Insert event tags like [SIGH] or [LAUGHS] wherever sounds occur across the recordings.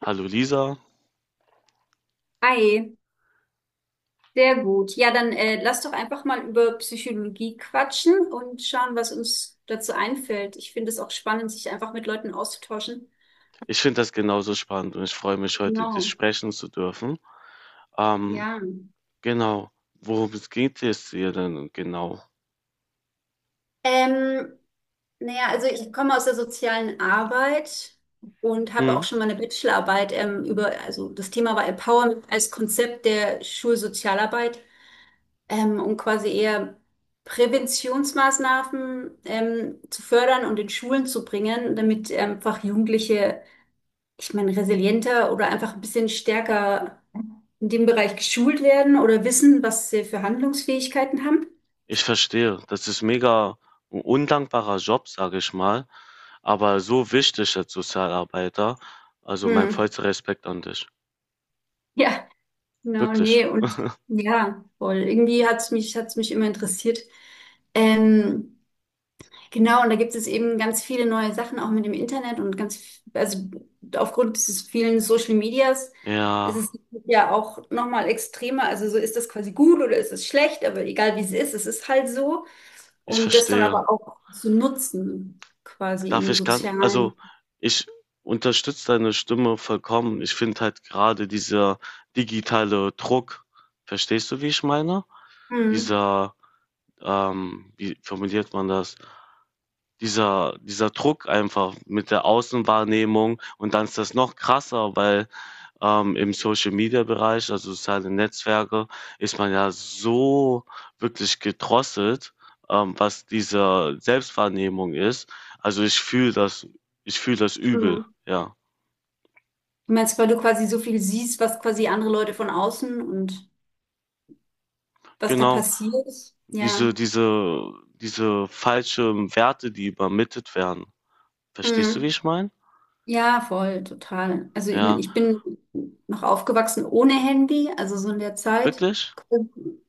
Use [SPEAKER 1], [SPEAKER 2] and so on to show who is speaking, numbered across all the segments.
[SPEAKER 1] Hallo Lisa,
[SPEAKER 2] Hi, sehr gut. Ja, dann lass doch einfach mal über Psychologie quatschen und schauen, was uns dazu einfällt. Ich finde es auch spannend, sich einfach mit Leuten auszutauschen.
[SPEAKER 1] ich finde das genauso spannend und ich freue mich, heute dich
[SPEAKER 2] Genau,
[SPEAKER 1] sprechen zu dürfen. Ähm,
[SPEAKER 2] ja.
[SPEAKER 1] genau, worum es geht es dir denn genau?
[SPEAKER 2] Ähm, naja, also ich komme aus der sozialen Arbeit und habe auch
[SPEAKER 1] Hm,
[SPEAKER 2] schon mal eine Bachelorarbeit über, also das Thema war Empowerment als Konzept der Schulsozialarbeit, um quasi eher Präventionsmaßnahmen zu fördern und in Schulen zu bringen, damit einfach Jugendliche, ich meine, resilienter oder einfach ein bisschen stärker in dem Bereich geschult werden oder wissen, was sie für Handlungsfähigkeiten haben.
[SPEAKER 1] ich verstehe, das ist mega ein undankbarer Job, sage ich mal, aber so wichtig als Sozialarbeiter. Also mein
[SPEAKER 2] Hm. [LAUGHS]
[SPEAKER 1] vollster Respekt an dich.
[SPEAKER 2] Ja, genau,
[SPEAKER 1] Wirklich.
[SPEAKER 2] nee, und ja, voll. Irgendwie hat's mich immer interessiert. Ähm, Genau, und da gibt es eben ganz viele neue Sachen auch mit dem Internet und ganz, also aufgrund dieses vielen Social Medias ist
[SPEAKER 1] Ja,
[SPEAKER 2] es ja auch nochmal extremer. Also so ist das quasi gut oder ist es schlecht, aber egal wie es ist halt so.
[SPEAKER 1] ich
[SPEAKER 2] Und das dann
[SPEAKER 1] verstehe.
[SPEAKER 2] aber auch zu nutzen, quasi
[SPEAKER 1] Darf
[SPEAKER 2] im
[SPEAKER 1] ich kann
[SPEAKER 2] Sozialen.
[SPEAKER 1] also, ich unterstütze deine Stimme vollkommen. Ich finde halt gerade dieser digitale Druck, verstehst du, wie ich meine?
[SPEAKER 2] Mhm.
[SPEAKER 1] Dieser, wie formuliert man das? Dieser Druck einfach mit der Außenwahrnehmung, und dann ist das noch krasser, weil im Social-Media-Bereich, also soziale Netzwerke, ist man ja so wirklich gedrosselt, was diese Selbstwahrnehmung ist. Also ich fühle das übel,
[SPEAKER 2] Mhm.
[SPEAKER 1] ja.
[SPEAKER 2] Du meinst, weil du quasi so viel siehst, was quasi andere Leute von außen und was da
[SPEAKER 1] Genau,
[SPEAKER 2] passiert.
[SPEAKER 1] diese,
[SPEAKER 2] Ja.
[SPEAKER 1] diese, diese falschen Werte, die übermittelt werden. Verstehst du, wie
[SPEAKER 2] Mhm.
[SPEAKER 1] ich meine?
[SPEAKER 2] Ja, voll, total. Also ich meine,
[SPEAKER 1] Ja,
[SPEAKER 2] ich bin noch aufgewachsen ohne Handy, also so in der Zeit.
[SPEAKER 1] wirklich?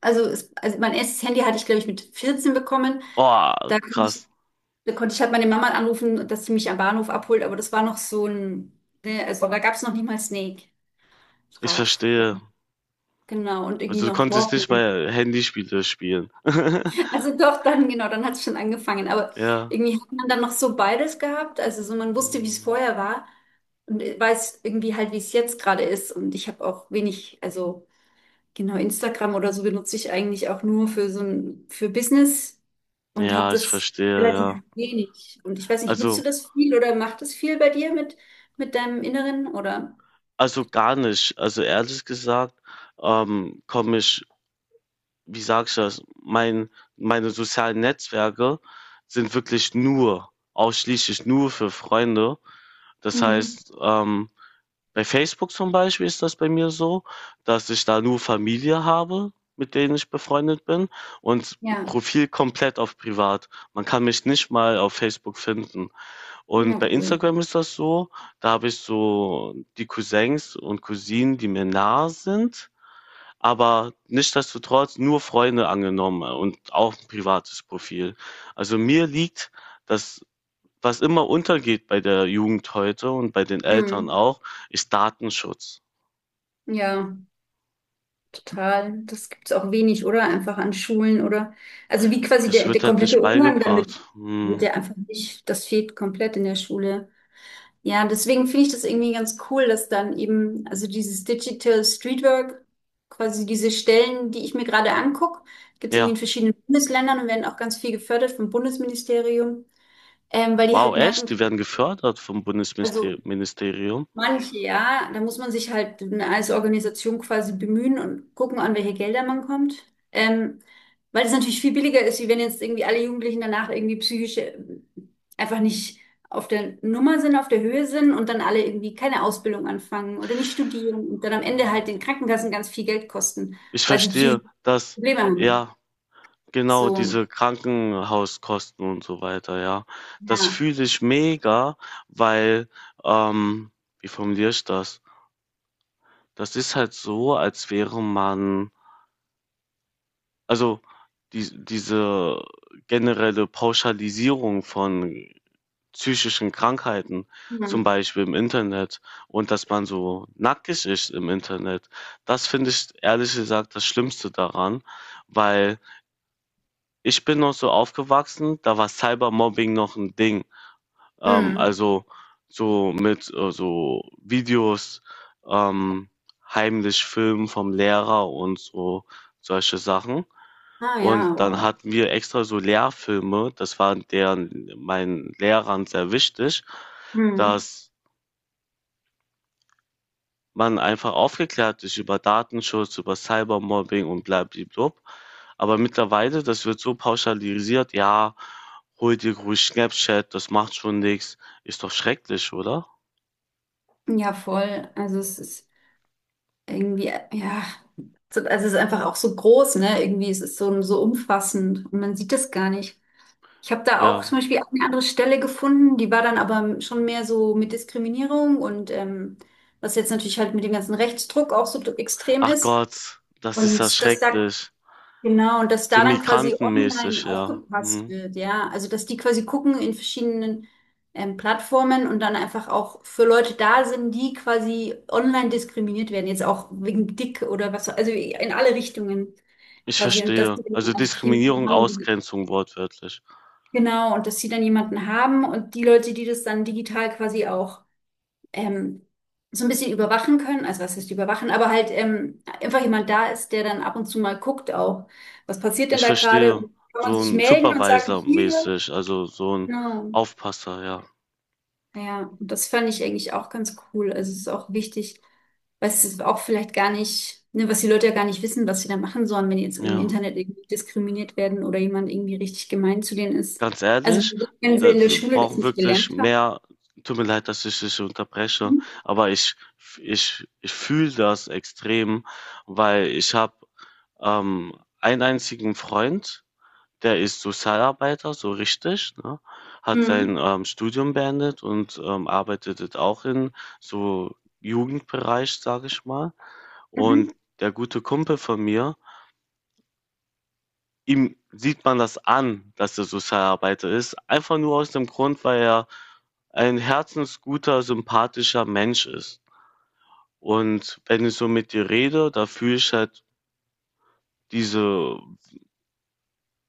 [SPEAKER 2] Also, es, also mein erstes Handy hatte ich, glaube ich, mit 14 bekommen.
[SPEAKER 1] Oh,
[SPEAKER 2] Da konnte ich,
[SPEAKER 1] krass.
[SPEAKER 2] da konnte ich halt meine Mama anrufen, dass sie mich am Bahnhof abholt, aber das war noch so ein, ne, also da gab es noch nicht mal Snake
[SPEAKER 1] Ich
[SPEAKER 2] drauf.
[SPEAKER 1] verstehe.
[SPEAKER 2] Und, genau, und irgendwie
[SPEAKER 1] Also du
[SPEAKER 2] noch
[SPEAKER 1] konntest nicht
[SPEAKER 2] Walkman.
[SPEAKER 1] mal Handyspiele spielen. [LAUGHS]
[SPEAKER 2] Also doch, dann, genau, dann hat es schon angefangen. Aber
[SPEAKER 1] Ja.
[SPEAKER 2] irgendwie hat man dann noch so beides gehabt. Also so man wusste, wie es
[SPEAKER 1] Hm.
[SPEAKER 2] vorher war und weiß irgendwie halt, wie es jetzt gerade ist. Und ich habe auch wenig, also genau, Instagram oder so benutze ich eigentlich auch nur für so ein, für Business und habe
[SPEAKER 1] Ja, ich
[SPEAKER 2] das
[SPEAKER 1] verstehe, ja.
[SPEAKER 2] relativ wenig. Und ich weiß nicht, nutzt du
[SPEAKER 1] Also
[SPEAKER 2] das viel oder macht das viel bei dir mit deinem Inneren oder?
[SPEAKER 1] also gar nicht. Also ehrlich gesagt, komme ich wie sage ich das? Meine sozialen Netzwerke sind wirklich nur ausschließlich nur für Freunde. Das
[SPEAKER 2] Mhm.
[SPEAKER 1] heißt, bei Facebook zum Beispiel ist das bei mir so, dass ich da nur Familie habe, mit denen ich befreundet bin, und
[SPEAKER 2] Ja,
[SPEAKER 1] Profil komplett auf privat. Man kann mich nicht mal auf Facebook finden. Und
[SPEAKER 2] ja,
[SPEAKER 1] bei
[SPEAKER 2] cool.
[SPEAKER 1] Instagram ist das so, da habe ich so die Cousins und Cousinen, die mir nah sind, aber nichtsdestotrotz nur Freunde angenommen und auch ein privates Profil. Also mir liegt das, was immer untergeht bei der Jugend heute und bei den Eltern
[SPEAKER 2] Mhm.
[SPEAKER 1] auch, ist Datenschutz.
[SPEAKER 2] Ja. Total. Das gibt es auch wenig, oder? Einfach an Schulen oder. Also wie quasi
[SPEAKER 1] Das
[SPEAKER 2] der, der
[SPEAKER 1] wird halt nicht
[SPEAKER 2] komplette Umgang
[SPEAKER 1] beigebracht.
[SPEAKER 2] damit
[SPEAKER 1] Hm.
[SPEAKER 2] wird ja einfach nicht, das fehlt komplett in der Schule. Ja, deswegen finde ich das irgendwie ganz cool, dass dann eben, also dieses Digital Streetwork, quasi diese Stellen, die ich mir gerade angucke, gibt es irgendwie in
[SPEAKER 1] Ja,
[SPEAKER 2] verschiedenen Bundesländern und werden auch ganz viel gefördert vom Bundesministerium, weil die halt
[SPEAKER 1] wow,
[SPEAKER 2] merken,
[SPEAKER 1] echt? Die werden gefördert vom
[SPEAKER 2] also
[SPEAKER 1] Bundesministerium.
[SPEAKER 2] manche, ja, da muss man sich halt als Organisation quasi bemühen und gucken, an welche Gelder man kommt. Ähm, weil es natürlich viel billiger ist, wie wenn jetzt irgendwie alle Jugendlichen danach irgendwie psychisch einfach nicht auf der Nummer sind, auf der Höhe sind und dann alle irgendwie keine Ausbildung anfangen oder nicht studieren und dann am Ende halt den Krankenkassen ganz viel Geld kosten,
[SPEAKER 1] Ich
[SPEAKER 2] weil sie
[SPEAKER 1] verstehe,
[SPEAKER 2] psychische
[SPEAKER 1] dass,
[SPEAKER 2] Probleme haben.
[SPEAKER 1] ja, genau,
[SPEAKER 2] So,
[SPEAKER 1] diese Krankenhauskosten und so weiter, ja. Das
[SPEAKER 2] ja.
[SPEAKER 1] fühle ich mega, weil, ähm, wie formuliere ich das? Das ist halt so, als wäre man, also diese generelle Pauschalisierung von psychischen Krankheiten, zum
[SPEAKER 2] Hm.
[SPEAKER 1] Beispiel im Internet, und dass man so nackig ist im Internet, das finde ich ehrlich gesagt das Schlimmste daran, weil ich bin noch so aufgewachsen, da war Cybermobbing noch ein Ding. Ähm,
[SPEAKER 2] Hm.
[SPEAKER 1] also, so mit, so Videos, ähm, heimlich filmen vom Lehrer und so solche Sachen.
[SPEAKER 2] Ah ja,
[SPEAKER 1] Und dann
[SPEAKER 2] wow.
[SPEAKER 1] hatten wir extra so Lehrfilme, das war deren meinen Lehrern sehr wichtig,
[SPEAKER 2] Hm.
[SPEAKER 1] dass man einfach aufgeklärt ist über Datenschutz, über Cybermobbing und blablabla. Aber mittlerweile, das wird so pauschalisiert, ja, hol dir ruhig Snapchat, das macht schon nichts. Ist doch schrecklich, oder?
[SPEAKER 2] Ja, voll. Also es ist irgendwie, ja, also es ist einfach auch so groß, ne? Irgendwie es ist so, so umfassend und man sieht das gar nicht. Ich habe da
[SPEAKER 1] Ja.
[SPEAKER 2] auch zum Beispiel eine andere Stelle gefunden, die war dann aber schon mehr so mit Diskriminierung und was jetzt natürlich halt mit dem ganzen Rechtsdruck auch so extrem
[SPEAKER 1] Ach
[SPEAKER 2] ist.
[SPEAKER 1] Gott, das ist ja
[SPEAKER 2] Und das da
[SPEAKER 1] schrecklich.
[SPEAKER 2] genau, und dass
[SPEAKER 1] So
[SPEAKER 2] da dann quasi online
[SPEAKER 1] migrantenmäßig, ja.
[SPEAKER 2] aufgepasst
[SPEAKER 1] Hm.
[SPEAKER 2] wird, ja. Also, dass die quasi gucken in verschiedenen Plattformen und dann einfach auch für Leute da sind, die quasi online diskriminiert werden, jetzt auch wegen dick oder was, also in alle Richtungen
[SPEAKER 1] Ich
[SPEAKER 2] quasi. Und dass
[SPEAKER 1] verstehe.
[SPEAKER 2] sie
[SPEAKER 1] Also
[SPEAKER 2] dann einfach jemanden
[SPEAKER 1] Diskriminierung,
[SPEAKER 2] haben, die,
[SPEAKER 1] Ausgrenzung wortwörtlich.
[SPEAKER 2] genau, und dass sie dann jemanden haben und die Leute, die das dann digital quasi auch ähm, so ein bisschen überwachen können, also was heißt überwachen, aber halt einfach jemand da ist, der dann ab und zu mal guckt auch, was passiert denn
[SPEAKER 1] Ich
[SPEAKER 2] da gerade?
[SPEAKER 1] verstehe.
[SPEAKER 2] Und kann man
[SPEAKER 1] So
[SPEAKER 2] sich
[SPEAKER 1] ein
[SPEAKER 2] melden und sagen, hier,
[SPEAKER 1] Supervisor-mäßig, also so ein
[SPEAKER 2] genau.
[SPEAKER 1] Aufpasser, ja.
[SPEAKER 2] Ja, und das fand ich eigentlich auch ganz cool. Also es ist auch wichtig, weil es ist auch vielleicht gar nicht, ne, was die Leute ja gar nicht wissen, was sie da machen sollen, wenn die jetzt im
[SPEAKER 1] Ja.
[SPEAKER 2] Internet irgendwie diskriminiert werden oder jemand irgendwie richtig gemein zu denen ist.
[SPEAKER 1] Ganz
[SPEAKER 2] Also
[SPEAKER 1] ehrlich,
[SPEAKER 2] wenn sie
[SPEAKER 1] da
[SPEAKER 2] in der
[SPEAKER 1] wir
[SPEAKER 2] Schule das
[SPEAKER 1] brauchen
[SPEAKER 2] nicht
[SPEAKER 1] wirklich
[SPEAKER 2] gelernt haben.
[SPEAKER 1] mehr tut mir leid, dass ich dich unterbreche, aber ich fühle das extrem, weil ich habe, ähm, einen einzigen Freund, der ist Sozialarbeiter, so richtig, ne? Hat sein,
[SPEAKER 2] Mhm.
[SPEAKER 1] Studium beendet und, arbeitet jetzt auch in so Jugendbereich, sage ich mal.
[SPEAKER 2] Mhm.
[SPEAKER 1] Und der gute Kumpel von mir ihm sieht man das an, dass er Sozialarbeiter ist. Einfach nur aus dem Grund, weil er ein herzensguter, sympathischer Mensch ist. Und wenn ich so mit dir rede, da fühle ich halt diese,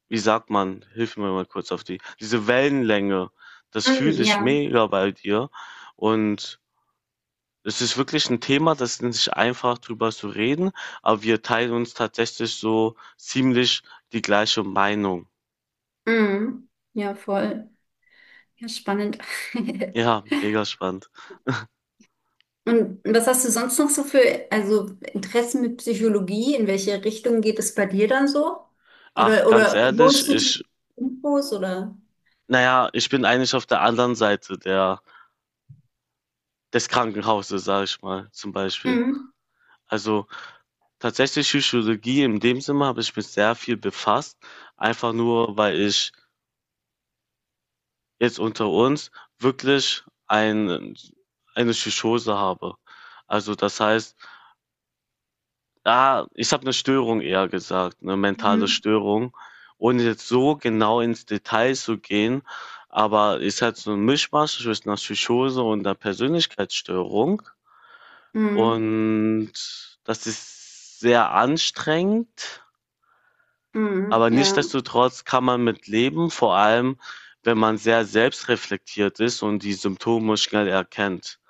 [SPEAKER 1] wie sagt man, hilf mir mal kurz auf diese Wellenlänge. Das fühle
[SPEAKER 2] Mhm.
[SPEAKER 1] ich
[SPEAKER 2] Ja.
[SPEAKER 1] mega bei dir. Und es ist wirklich ein Thema, das ist nicht einfach drüber zu reden, aber wir teilen uns tatsächlich so ziemlich die gleiche Meinung.
[SPEAKER 2] Mhm. Ja, voll. Ja, spannend. [LAUGHS]
[SPEAKER 1] Ja, mega spannend.
[SPEAKER 2] Und was hast du sonst noch so für, also Interessen mit Psychologie? In welche Richtung geht es bei dir dann so?
[SPEAKER 1] Ach, ganz
[SPEAKER 2] Oder
[SPEAKER 1] ehrlich,
[SPEAKER 2] holst du
[SPEAKER 1] ich
[SPEAKER 2] die Infos oder?
[SPEAKER 1] naja, ich bin eigentlich auf der anderen Seite der des Krankenhauses, sage ich mal, zum Beispiel.
[SPEAKER 2] Mhm.
[SPEAKER 1] Also, tatsächlich Psychologie in dem Sinne habe ich mich sehr viel befasst, einfach nur, weil ich, jetzt unter uns, wirklich eine Psychose habe. Also, das heißt, ah, ich habe eine Störung eher gesagt, eine mentale
[SPEAKER 2] Mhm.
[SPEAKER 1] Störung, ohne jetzt so genau ins Detail zu gehen, aber ist halt so ein Mischmasch zwischen 'ner Psychose und einer Persönlichkeitsstörung,
[SPEAKER 2] Mhm.
[SPEAKER 1] und das ist sehr anstrengend,
[SPEAKER 2] Mhm.
[SPEAKER 1] aber
[SPEAKER 2] Ja.
[SPEAKER 1] nichtsdestotrotz kann man mit leben, vor allem, wenn man sehr selbstreflektiert ist und die Symptome schnell erkennt,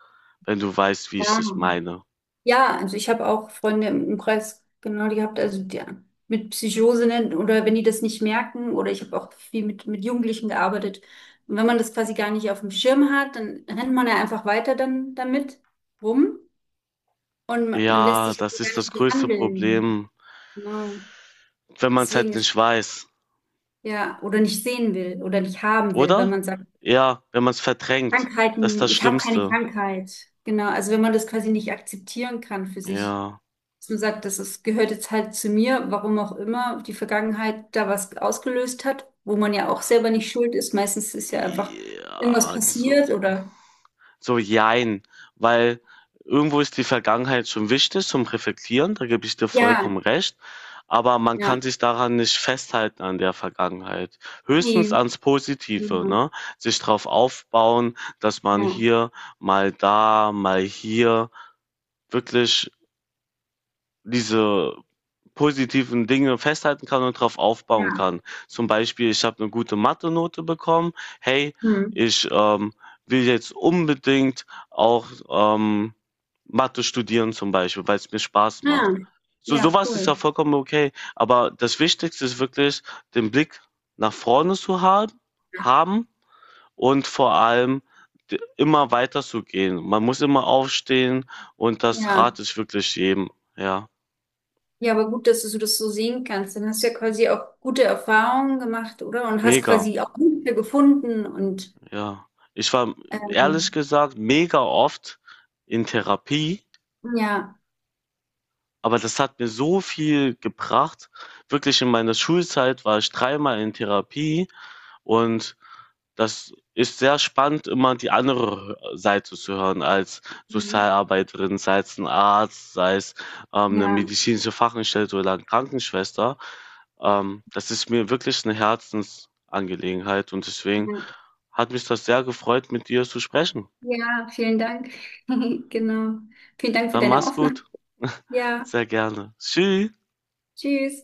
[SPEAKER 1] wenn du weißt, wie ich
[SPEAKER 2] Ja.
[SPEAKER 1] das meine.
[SPEAKER 2] Ja, also ich habe auch Freunde im Umkreis genau die gehabt, also die mit Psychose nennen oder wenn die das nicht merken oder ich habe auch viel mit Jugendlichen gearbeitet. Und wenn man das quasi gar nicht auf dem Schirm hat, dann rennt man ja einfach weiter dann damit rum und man lässt
[SPEAKER 1] Ja,
[SPEAKER 2] sich ja
[SPEAKER 1] das
[SPEAKER 2] gar
[SPEAKER 1] ist das
[SPEAKER 2] nicht
[SPEAKER 1] größte
[SPEAKER 2] behandeln.
[SPEAKER 1] Problem,
[SPEAKER 2] Genau.
[SPEAKER 1] wenn man es halt
[SPEAKER 2] Deswegen ist
[SPEAKER 1] nicht weiß.
[SPEAKER 2] ja oder nicht sehen will oder nicht haben will, wenn
[SPEAKER 1] Oder?
[SPEAKER 2] man sagt,
[SPEAKER 1] Ja, wenn man es verdrängt. Das ist
[SPEAKER 2] Krankheiten,
[SPEAKER 1] das
[SPEAKER 2] ich habe keine
[SPEAKER 1] Schlimmste.
[SPEAKER 2] Krankheit. Genau, also wenn man das quasi nicht akzeptieren kann für sich.
[SPEAKER 1] Ja.
[SPEAKER 2] Dass man sagt, das ist, gehört jetzt halt zu mir, warum auch immer die Vergangenheit da was ausgelöst hat, wo man ja auch selber nicht schuld ist. Meistens ist ja einfach irgendwas
[SPEAKER 1] Ja, so.
[SPEAKER 2] passiert oder
[SPEAKER 1] So, jein. Weil irgendwo ist die Vergangenheit schon wichtig zum Reflektieren, da gebe ich dir vollkommen
[SPEAKER 2] ja,
[SPEAKER 1] recht. Aber man
[SPEAKER 2] ja,
[SPEAKER 1] kann sich daran nicht festhalten, an der Vergangenheit. Höchstens
[SPEAKER 2] nee,
[SPEAKER 1] ans Positive,
[SPEAKER 2] mhm,
[SPEAKER 1] ne? Sich drauf aufbauen, dass man
[SPEAKER 2] ja,
[SPEAKER 1] hier, mal da, mal hier wirklich diese positiven Dinge festhalten kann und darauf aufbauen
[SPEAKER 2] ja,
[SPEAKER 1] kann. Zum Beispiel, ich habe eine gute Mathe-Note bekommen. Hey,
[SPEAKER 2] hm,
[SPEAKER 1] ich will jetzt unbedingt auch Mathe studieren zum Beispiel, weil es mir Spaß macht.
[SPEAKER 2] ja,
[SPEAKER 1] So
[SPEAKER 2] ja,
[SPEAKER 1] sowas ist
[SPEAKER 2] cool.
[SPEAKER 1] ja vollkommen okay. Aber das Wichtigste ist wirklich, den Blick nach vorne zu haben und vor allem immer weiter zu gehen. Man muss immer aufstehen, und das rate
[SPEAKER 2] Ja,
[SPEAKER 1] ich wirklich jedem. Ja,
[SPEAKER 2] ja, aber gut, dass du so das so sehen kannst. Dann hast du ja quasi auch gute Erfahrungen gemacht, oder? Und hast
[SPEAKER 1] mega.
[SPEAKER 2] quasi auch Hilfe gefunden und
[SPEAKER 1] Ja, ich war ehrlich
[SPEAKER 2] ähm,
[SPEAKER 1] gesagt mega oft in Therapie,
[SPEAKER 2] ja,
[SPEAKER 1] aber das hat mir so viel gebracht. Wirklich in meiner Schulzeit war ich dreimal in Therapie, und das ist sehr spannend, immer die andere Seite zu hören, als
[SPEAKER 2] mhm,
[SPEAKER 1] Sozialarbeiterin, sei es ein Arzt, sei es eine
[SPEAKER 2] ja,
[SPEAKER 1] medizinische Fachangestellte oder eine Krankenschwester. Das ist mir wirklich eine Herzensangelegenheit, und deswegen
[SPEAKER 2] ja.
[SPEAKER 1] hat mich das sehr gefreut, mit dir zu sprechen.
[SPEAKER 2] Ja, vielen Dank. [LAUGHS] Genau. Vielen Dank für
[SPEAKER 1] Dann
[SPEAKER 2] deine
[SPEAKER 1] mach's
[SPEAKER 2] Offenheit.
[SPEAKER 1] gut. [LAUGHS]
[SPEAKER 2] Ja,
[SPEAKER 1] Sehr gerne. Tschüss.
[SPEAKER 2] tschüss.